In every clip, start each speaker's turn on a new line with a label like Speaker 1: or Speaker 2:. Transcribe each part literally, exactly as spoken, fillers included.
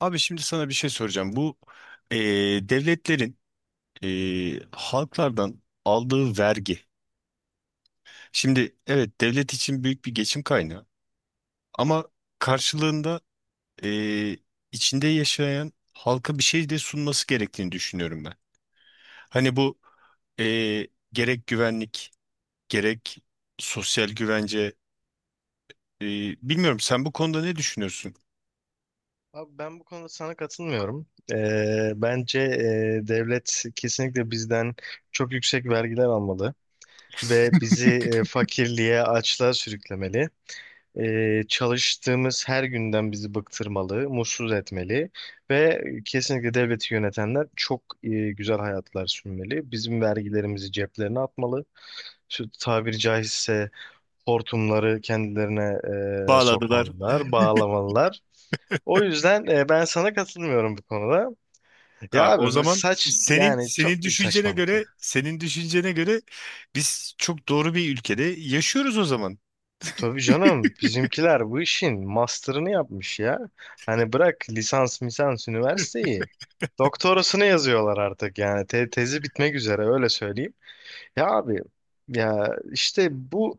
Speaker 1: Abi şimdi sana bir şey soracağım. Bu e, devletlerin e, halklardan aldığı vergi. Şimdi evet, devlet için büyük bir geçim kaynağı, ama karşılığında e, içinde yaşayan halka bir şey de sunması gerektiğini düşünüyorum ben. Hani bu e, gerek güvenlik, gerek sosyal güvence, e, bilmiyorum, sen bu konuda ne düşünüyorsun?
Speaker 2: Abi, ben bu konuda sana katılmıyorum. Ee, bence e, devlet kesinlikle bizden çok yüksek vergiler almalı ve bizi e, fakirliğe, açlığa sürüklemeli. Ee, çalıştığımız her günden bizi bıktırmalı, mutsuz etmeli ve kesinlikle devleti yönetenler çok e, güzel hayatlar sürmeli. Bizim vergilerimizi ceplerine atmalı. Şu tabiri caizse hortumları kendilerine e,
Speaker 1: Bağladılar.
Speaker 2: sokmalılar, bağlamalılar. O yüzden e, ben sana katılmıyorum bu konuda. Ya
Speaker 1: Ha, o
Speaker 2: abi, bu
Speaker 1: zaman
Speaker 2: saç
Speaker 1: senin
Speaker 2: yani
Speaker 1: senin
Speaker 2: çok büyük
Speaker 1: düşüncene
Speaker 2: saçmalık ya.
Speaker 1: göre, senin düşüncene göre biz çok doğru bir ülkede yaşıyoruz o zaman.
Speaker 2: Tabii canım, bizimkiler bu işin master'ını yapmış ya. Hani bırak lisans misans üniversiteyi. Doktorasını yazıyorlar artık, yani Te- tezi bitmek üzere öyle söyleyeyim. Ya abi, ya işte bu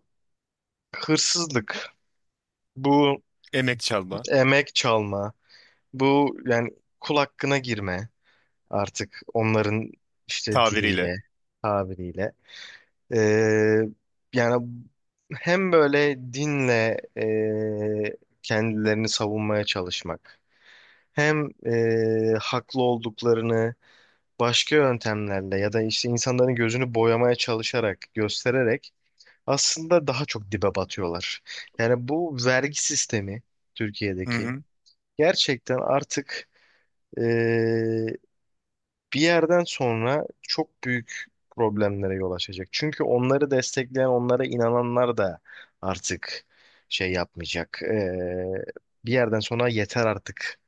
Speaker 2: hırsızlık, bu
Speaker 1: Emek çalma,
Speaker 2: emek çalma, bu yani kul hakkına girme, artık onların işte
Speaker 1: tabiriyle.
Speaker 2: diliyle, tabiriyle. Ee, Yani hem böyle dinle e, kendilerini savunmaya çalışmak, hem e, haklı olduklarını başka yöntemlerle ya da işte insanların gözünü boyamaya çalışarak, göstererek aslında daha çok dibe batıyorlar. Yani bu vergi sistemi
Speaker 1: Hı
Speaker 2: Türkiye'deki
Speaker 1: hı.
Speaker 2: gerçekten artık e, bir yerden sonra çok büyük problemlere yol açacak. Çünkü onları destekleyen, onlara inananlar da artık şey yapmayacak. Ee, bir yerden sonra yeter artık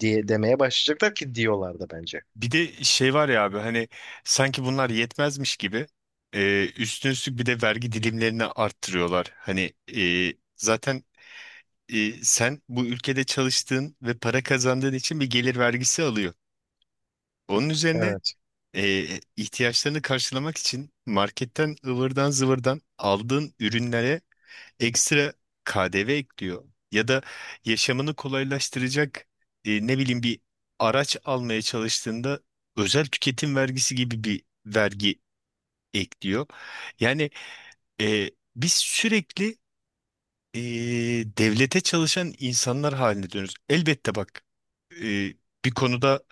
Speaker 2: diye demeye başlayacaklar ki diyorlar da bence.
Speaker 1: Bir de şey var ya abi, hani sanki bunlar yetmezmiş gibi e, üstüne üstlük bir de vergi dilimlerini arttırıyorlar. Hani e, zaten e, sen bu ülkede çalıştığın ve para kazandığın için bir gelir vergisi alıyor. Onun üzerine
Speaker 2: Evet.
Speaker 1: e, ihtiyaçlarını karşılamak için marketten ıvırdan zıvırdan aldığın ürünlere ekstra K D V ekliyor. Ya da yaşamını kolaylaştıracak, e, ne bileyim, bir araç almaya çalıştığında özel tüketim vergisi gibi bir vergi ekliyor. Yani e, biz sürekli eee, devlete çalışan insanlar haline dönüyoruz. Elbette bak, eee, bir konuda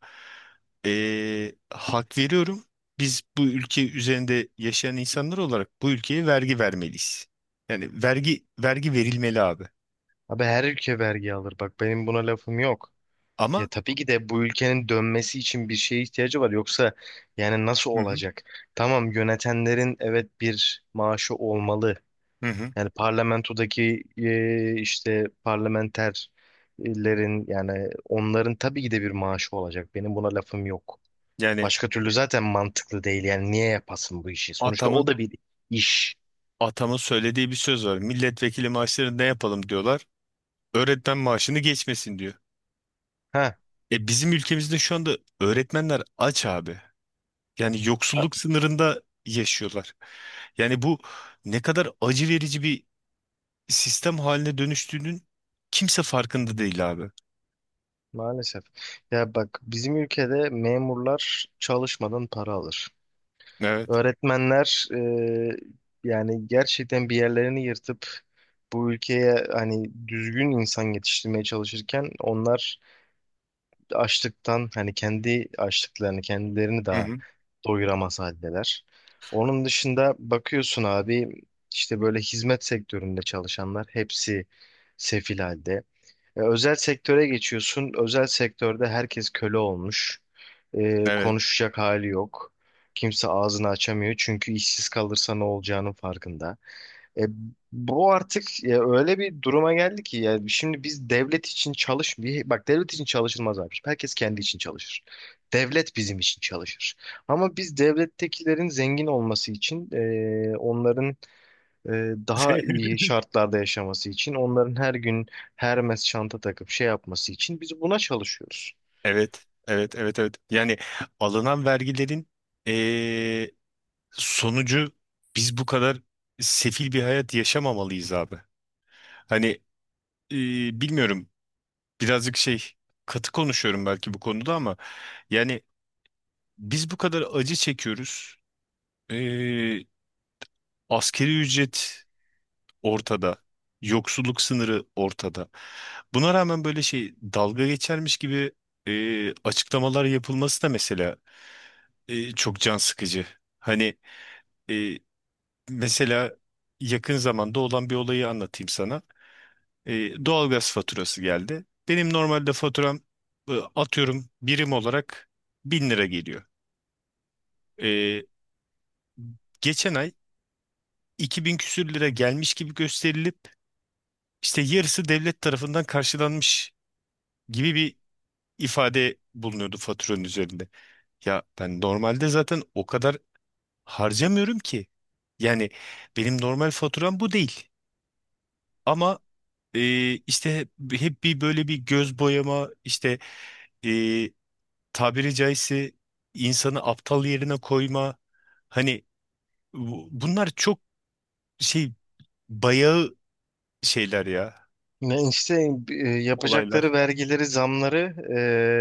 Speaker 1: eee, hak veriyorum. Biz bu ülke üzerinde yaşayan insanlar olarak bu ülkeye vergi vermeliyiz. Yani vergi vergi verilmeli abi.
Speaker 2: Abi, her ülke vergi alır. Bak, benim buna lafım yok. Ya
Speaker 1: Ama
Speaker 2: tabii ki de bu ülkenin dönmesi için bir şeye ihtiyacı var. Yoksa yani nasıl
Speaker 1: Hı hı.
Speaker 2: olacak? Tamam, yönetenlerin evet bir maaşı olmalı.
Speaker 1: Hı hı.
Speaker 2: Yani parlamentodaki e, işte parlamenterlerin, yani onların tabii ki de bir maaşı olacak. Benim buna lafım yok.
Speaker 1: Yani
Speaker 2: Başka türlü zaten mantıklı değil. Yani niye yapasın bu işi? Sonuçta
Speaker 1: atamın
Speaker 2: o da bir iş.
Speaker 1: atamın söylediği bir söz var. Milletvekili maaşlarını ne yapalım diyorlar. Öğretmen maaşını geçmesin diyor.
Speaker 2: Ha,
Speaker 1: E bizim ülkemizde şu anda öğretmenler aç abi. Yani yoksulluk sınırında yaşıyorlar. Yani bu ne kadar acı verici bir sistem haline dönüştüğünün kimse farkında değil abi.
Speaker 2: maalesef. Ya bak, bizim ülkede memurlar çalışmadan para alır.
Speaker 1: Evet.
Speaker 2: Öğretmenler e, yani gerçekten bir yerlerini yırtıp bu ülkeye hani düzgün insan yetiştirmeye çalışırken onlar açlıktan hani kendi açlıklarını, kendilerini
Speaker 1: Hı
Speaker 2: daha
Speaker 1: hı.
Speaker 2: doyuramaz haldeler. Onun dışında bakıyorsun abi, işte böyle hizmet sektöründe çalışanlar hepsi sefil halde. E, özel sektöre geçiyorsun. Özel sektörde herkes köle olmuş. E,
Speaker 1: Evet.
Speaker 2: konuşacak hali yok. Kimse ağzını açamıyor çünkü işsiz kalırsa ne olacağının farkında. E, bu artık ya öyle bir duruma geldi ki ya şimdi biz devlet için çalış bir bak, devlet için çalışılmaz abi. Herkes kendi için çalışır. Devlet bizim için çalışır. Ama biz devlettekilerin zengin olması için, e, onların e, daha iyi şartlarda yaşaması için, onların her gün Hermes çanta takıp şey yapması için biz buna çalışıyoruz.
Speaker 1: Evet, evet, evet, evet. Yani alınan vergilerin eee, sonucu biz bu kadar sefil bir hayat yaşamamalıyız abi. Hani, eee, bilmiyorum, birazcık şey, katı konuşuyorum belki bu konuda, ama yani biz bu kadar acı çekiyoruz. Eee, Askeri ücret ortada. Yoksulluk sınırı ortada. Buna rağmen böyle şey dalga geçermiş gibi e, açıklamalar yapılması da mesela e, çok can sıkıcı. Hani e, mesela yakın zamanda olan bir olayı anlatayım sana. E, doğalgaz faturası geldi. Benim normalde faturam e, atıyorum birim olarak bin lira geliyor. E, geçen ay iki bin küsür lira gelmiş gibi gösterilip işte yarısı devlet tarafından karşılanmış gibi bir ifade bulunuyordu faturanın üzerinde. Ya ben normalde zaten o kadar harcamıyorum ki. Yani benim normal faturam bu değil. Ama e, işte hep hep bir böyle bir göz boyama, işte, e, tabiri caizse insanı aptal yerine koyma, hani bu- bunlar çok şey, bayağı şeyler ya,
Speaker 2: Ne işte e,
Speaker 1: olaylar.
Speaker 2: yapacakları vergileri, zamları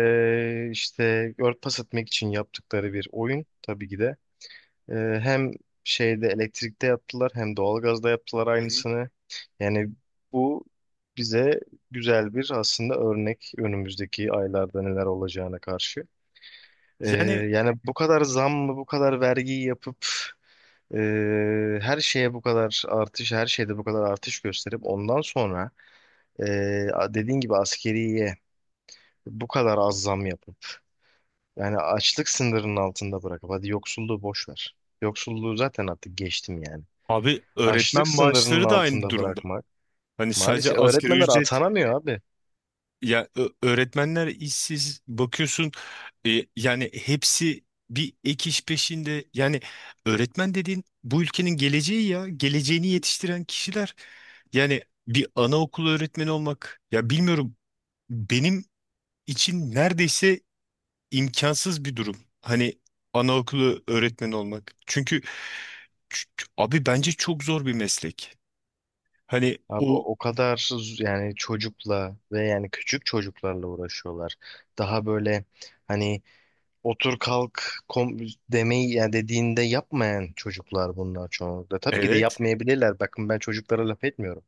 Speaker 2: e, işte örtbas etmek için yaptıkları bir oyun, tabii ki de. Ee, Hem şeyde, elektrikte yaptılar, hem doğalgazda yaptılar
Speaker 1: Hı hı.
Speaker 2: aynısını. Yani bu bize güzel bir aslında örnek, önümüzdeki aylarda neler olacağına karşı. Ee,
Speaker 1: Yani
Speaker 2: Yani bu kadar zam mı, bu kadar vergiyi yapıp e, her şeye bu kadar artış, her şeyde bu kadar artış gösterip ondan sonra e, dediğin gibi askeriye bu kadar az zam yapıp yani açlık sınırının altında bırakıp hadi yoksulluğu boş ver. Yoksulluğu zaten artık geçtim yani.
Speaker 1: abi öğretmen
Speaker 2: Açlık sınırının
Speaker 1: maaşları da aynı
Speaker 2: altında
Speaker 1: durumda.
Speaker 2: bırakmak.
Speaker 1: Hani sadece
Speaker 2: Maalesef
Speaker 1: asgari
Speaker 2: öğretmenler
Speaker 1: ücret.
Speaker 2: atanamıyor abi.
Speaker 1: Ya ö- öğretmenler işsiz, bakıyorsun e, yani hepsi bir ek iş peşinde. Yani öğretmen dediğin bu ülkenin geleceği ya. Geleceğini yetiştiren kişiler. Yani bir anaokulu öğretmeni olmak ya, bilmiyorum, benim için neredeyse imkansız bir durum. Hani anaokulu öğretmeni olmak. Çünkü ç- ç- abi bence çok zor bir meslek. Hani
Speaker 2: Abi,
Speaker 1: o
Speaker 2: o kadar z- yani çocukla ve yani küçük çocuklarla uğraşıyorlar. Daha böyle hani otur kalk kom demeyi, yani dediğinde yapmayan çocuklar bunlar çoğunlukla. Tabii ki de
Speaker 1: evet,
Speaker 2: yapmayabilirler. Bakın, ben çocuklara laf etmiyorum.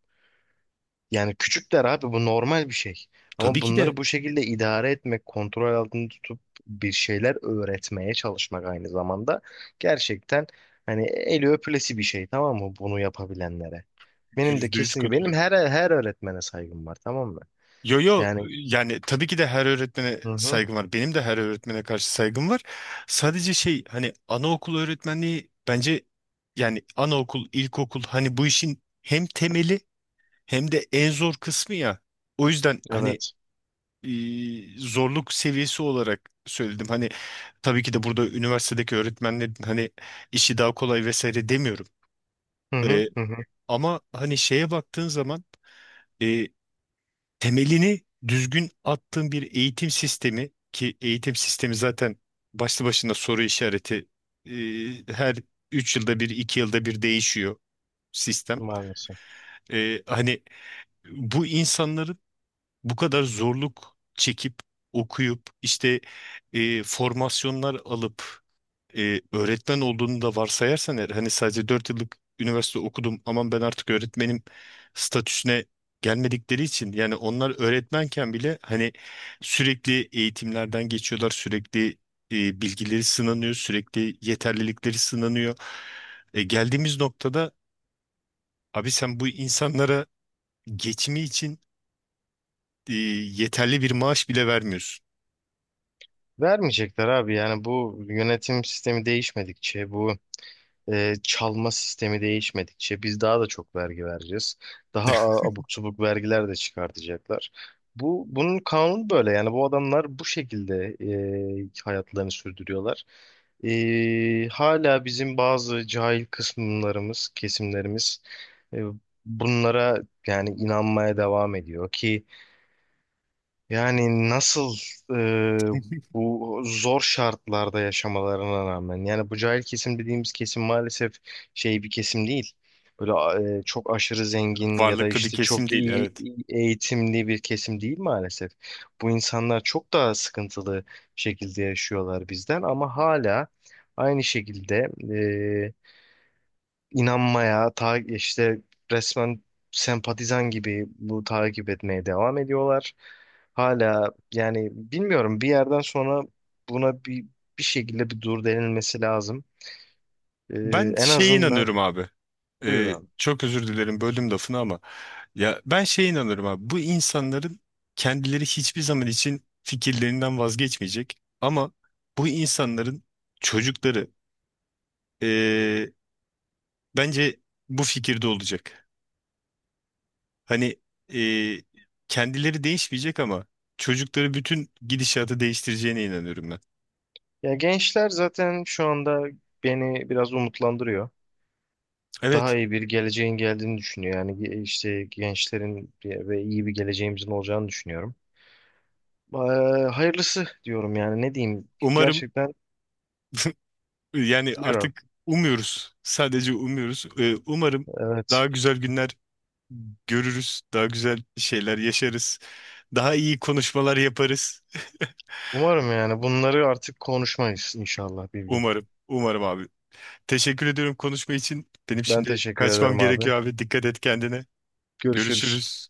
Speaker 2: Yani küçükler abi, bu normal bir şey.
Speaker 1: tabii
Speaker 2: Ama
Speaker 1: ki
Speaker 2: bunları
Speaker 1: de
Speaker 2: bu şekilde idare etmek, kontrol altında tutup bir şeyler öğretmeye çalışmak aynı zamanda gerçekten hani eli öpülesi bir şey, tamam mı, bunu yapabilenlere. Benim de
Speaker 1: yüzde yüz
Speaker 2: kesin benim
Speaker 1: katılıyorum.
Speaker 2: her her öğretmene saygım var, tamam mı?
Speaker 1: Yo yo,
Speaker 2: Yani
Speaker 1: yani tabii ki de her öğretmene
Speaker 2: hı hı,
Speaker 1: saygım var. Benim de her öğretmene karşı saygım var. Sadece şey, hani anaokul öğretmenliği bence, yani anaokul, ilkokul, hani bu işin hem temeli hem de en zor kısmı ya. O yüzden hani
Speaker 2: evet.
Speaker 1: e, zorluk seviyesi olarak söyledim. Hani tabii ki de burada üniversitedeki öğretmenlerin hani işi daha kolay vesaire demiyorum.
Speaker 2: Hı hı
Speaker 1: E,
Speaker 2: hı hı,
Speaker 1: ama hani şeye baktığın zaman temelini düzgün attığın bir eğitim sistemi, ki eğitim sistemi zaten başlı başına soru işareti, e, her üç yılda bir, iki yılda bir değişiyor sistem.
Speaker 2: maalesef.
Speaker 1: E, hani bu insanların bu kadar zorluk çekip okuyup, işte e, formasyonlar alıp e, öğretmen olduğunu da varsayarsan eğer, hani sadece dört yıllık üniversite okudum, aman ben artık öğretmenim statüsüne gelmedikleri için, yani onlar öğretmenken bile hani sürekli eğitimlerden geçiyorlar, sürekli e, bilgileri sınanıyor, sürekli yeterlilikleri sınanıyor. E, geldiğimiz noktada abi sen bu insanlara geçimi için e, yeterli bir maaş bile vermiyorsun.
Speaker 2: Vermeyecekler abi, yani bu yönetim sistemi değişmedikçe, bu e, çalma sistemi değişmedikçe biz daha da çok vergi vereceğiz. Daha a- abuk subuk vergiler de çıkartacaklar. Bu bunun kanunu böyle, yani bu adamlar bu şekilde e, hayatlarını sürdürüyorlar. E, hala bizim bazı cahil kısımlarımız, kesimlerimiz e, bunlara yani inanmaya devam ediyor ki yani nasıl e, bu zor şartlarda yaşamalarına rağmen, yani bu cahil kesim dediğimiz kesim maalesef şey bir kesim değil. Böyle e, çok aşırı
Speaker 1: Haklısın.
Speaker 2: zengin ya da
Speaker 1: Varlıklı bir
Speaker 2: işte
Speaker 1: kesim
Speaker 2: çok
Speaker 1: değil,
Speaker 2: iyi
Speaker 1: evet.
Speaker 2: eğitimli bir kesim değil maalesef. Bu insanlar çok daha sıkıntılı şekilde yaşıyorlar bizden, ama hala aynı şekilde inanmaya, ta işte resmen sempatizan gibi bu takip etmeye devam ediyorlar. Hala yani bilmiyorum, bir yerden sonra buna bir bir şekilde bir dur denilmesi lazım. Ee,
Speaker 1: Ben
Speaker 2: en
Speaker 1: şeye
Speaker 2: azından
Speaker 1: inanıyorum abi.
Speaker 2: buyur
Speaker 1: Ee,
Speaker 2: abi.
Speaker 1: çok özür dilerim, böldüm lafını ama ya ben şeye inanıyorum abi. Bu insanların kendileri hiçbir zaman için fikirlerinden vazgeçmeyecek. Ama bu insanların çocukları, ee, bence bu fikirde olacak. Hani ee, kendileri değişmeyecek ama çocukları bütün gidişatı değiştireceğine inanıyorum ben.
Speaker 2: Ya gençler zaten şu anda beni biraz umutlandırıyor. Daha
Speaker 1: Evet.
Speaker 2: iyi bir geleceğin geldiğini düşünüyor. Yani ge- işte gençlerin bir- ve iyi bir geleceğimizin olacağını düşünüyorum. Ee, Hayırlısı diyorum, yani ne diyeyim.
Speaker 1: Umarım.
Speaker 2: Gerçekten
Speaker 1: Yani
Speaker 2: buyur abi.
Speaker 1: artık umuyoruz. Sadece umuyoruz. Ee, umarım daha
Speaker 2: Evet.
Speaker 1: güzel günler görürüz. Daha güzel şeyler yaşarız. Daha iyi konuşmalar yaparız.
Speaker 2: Umarım yani bunları artık konuşmayız inşallah bir gün.
Speaker 1: Umarım. Umarım abi. Teşekkür ediyorum konuşma için. Benim
Speaker 2: Ben
Speaker 1: şimdi
Speaker 2: teşekkür
Speaker 1: kaçmam
Speaker 2: ederim abi.
Speaker 1: gerekiyor abi. Dikkat et kendine.
Speaker 2: Görüşürüz.
Speaker 1: Görüşürüz.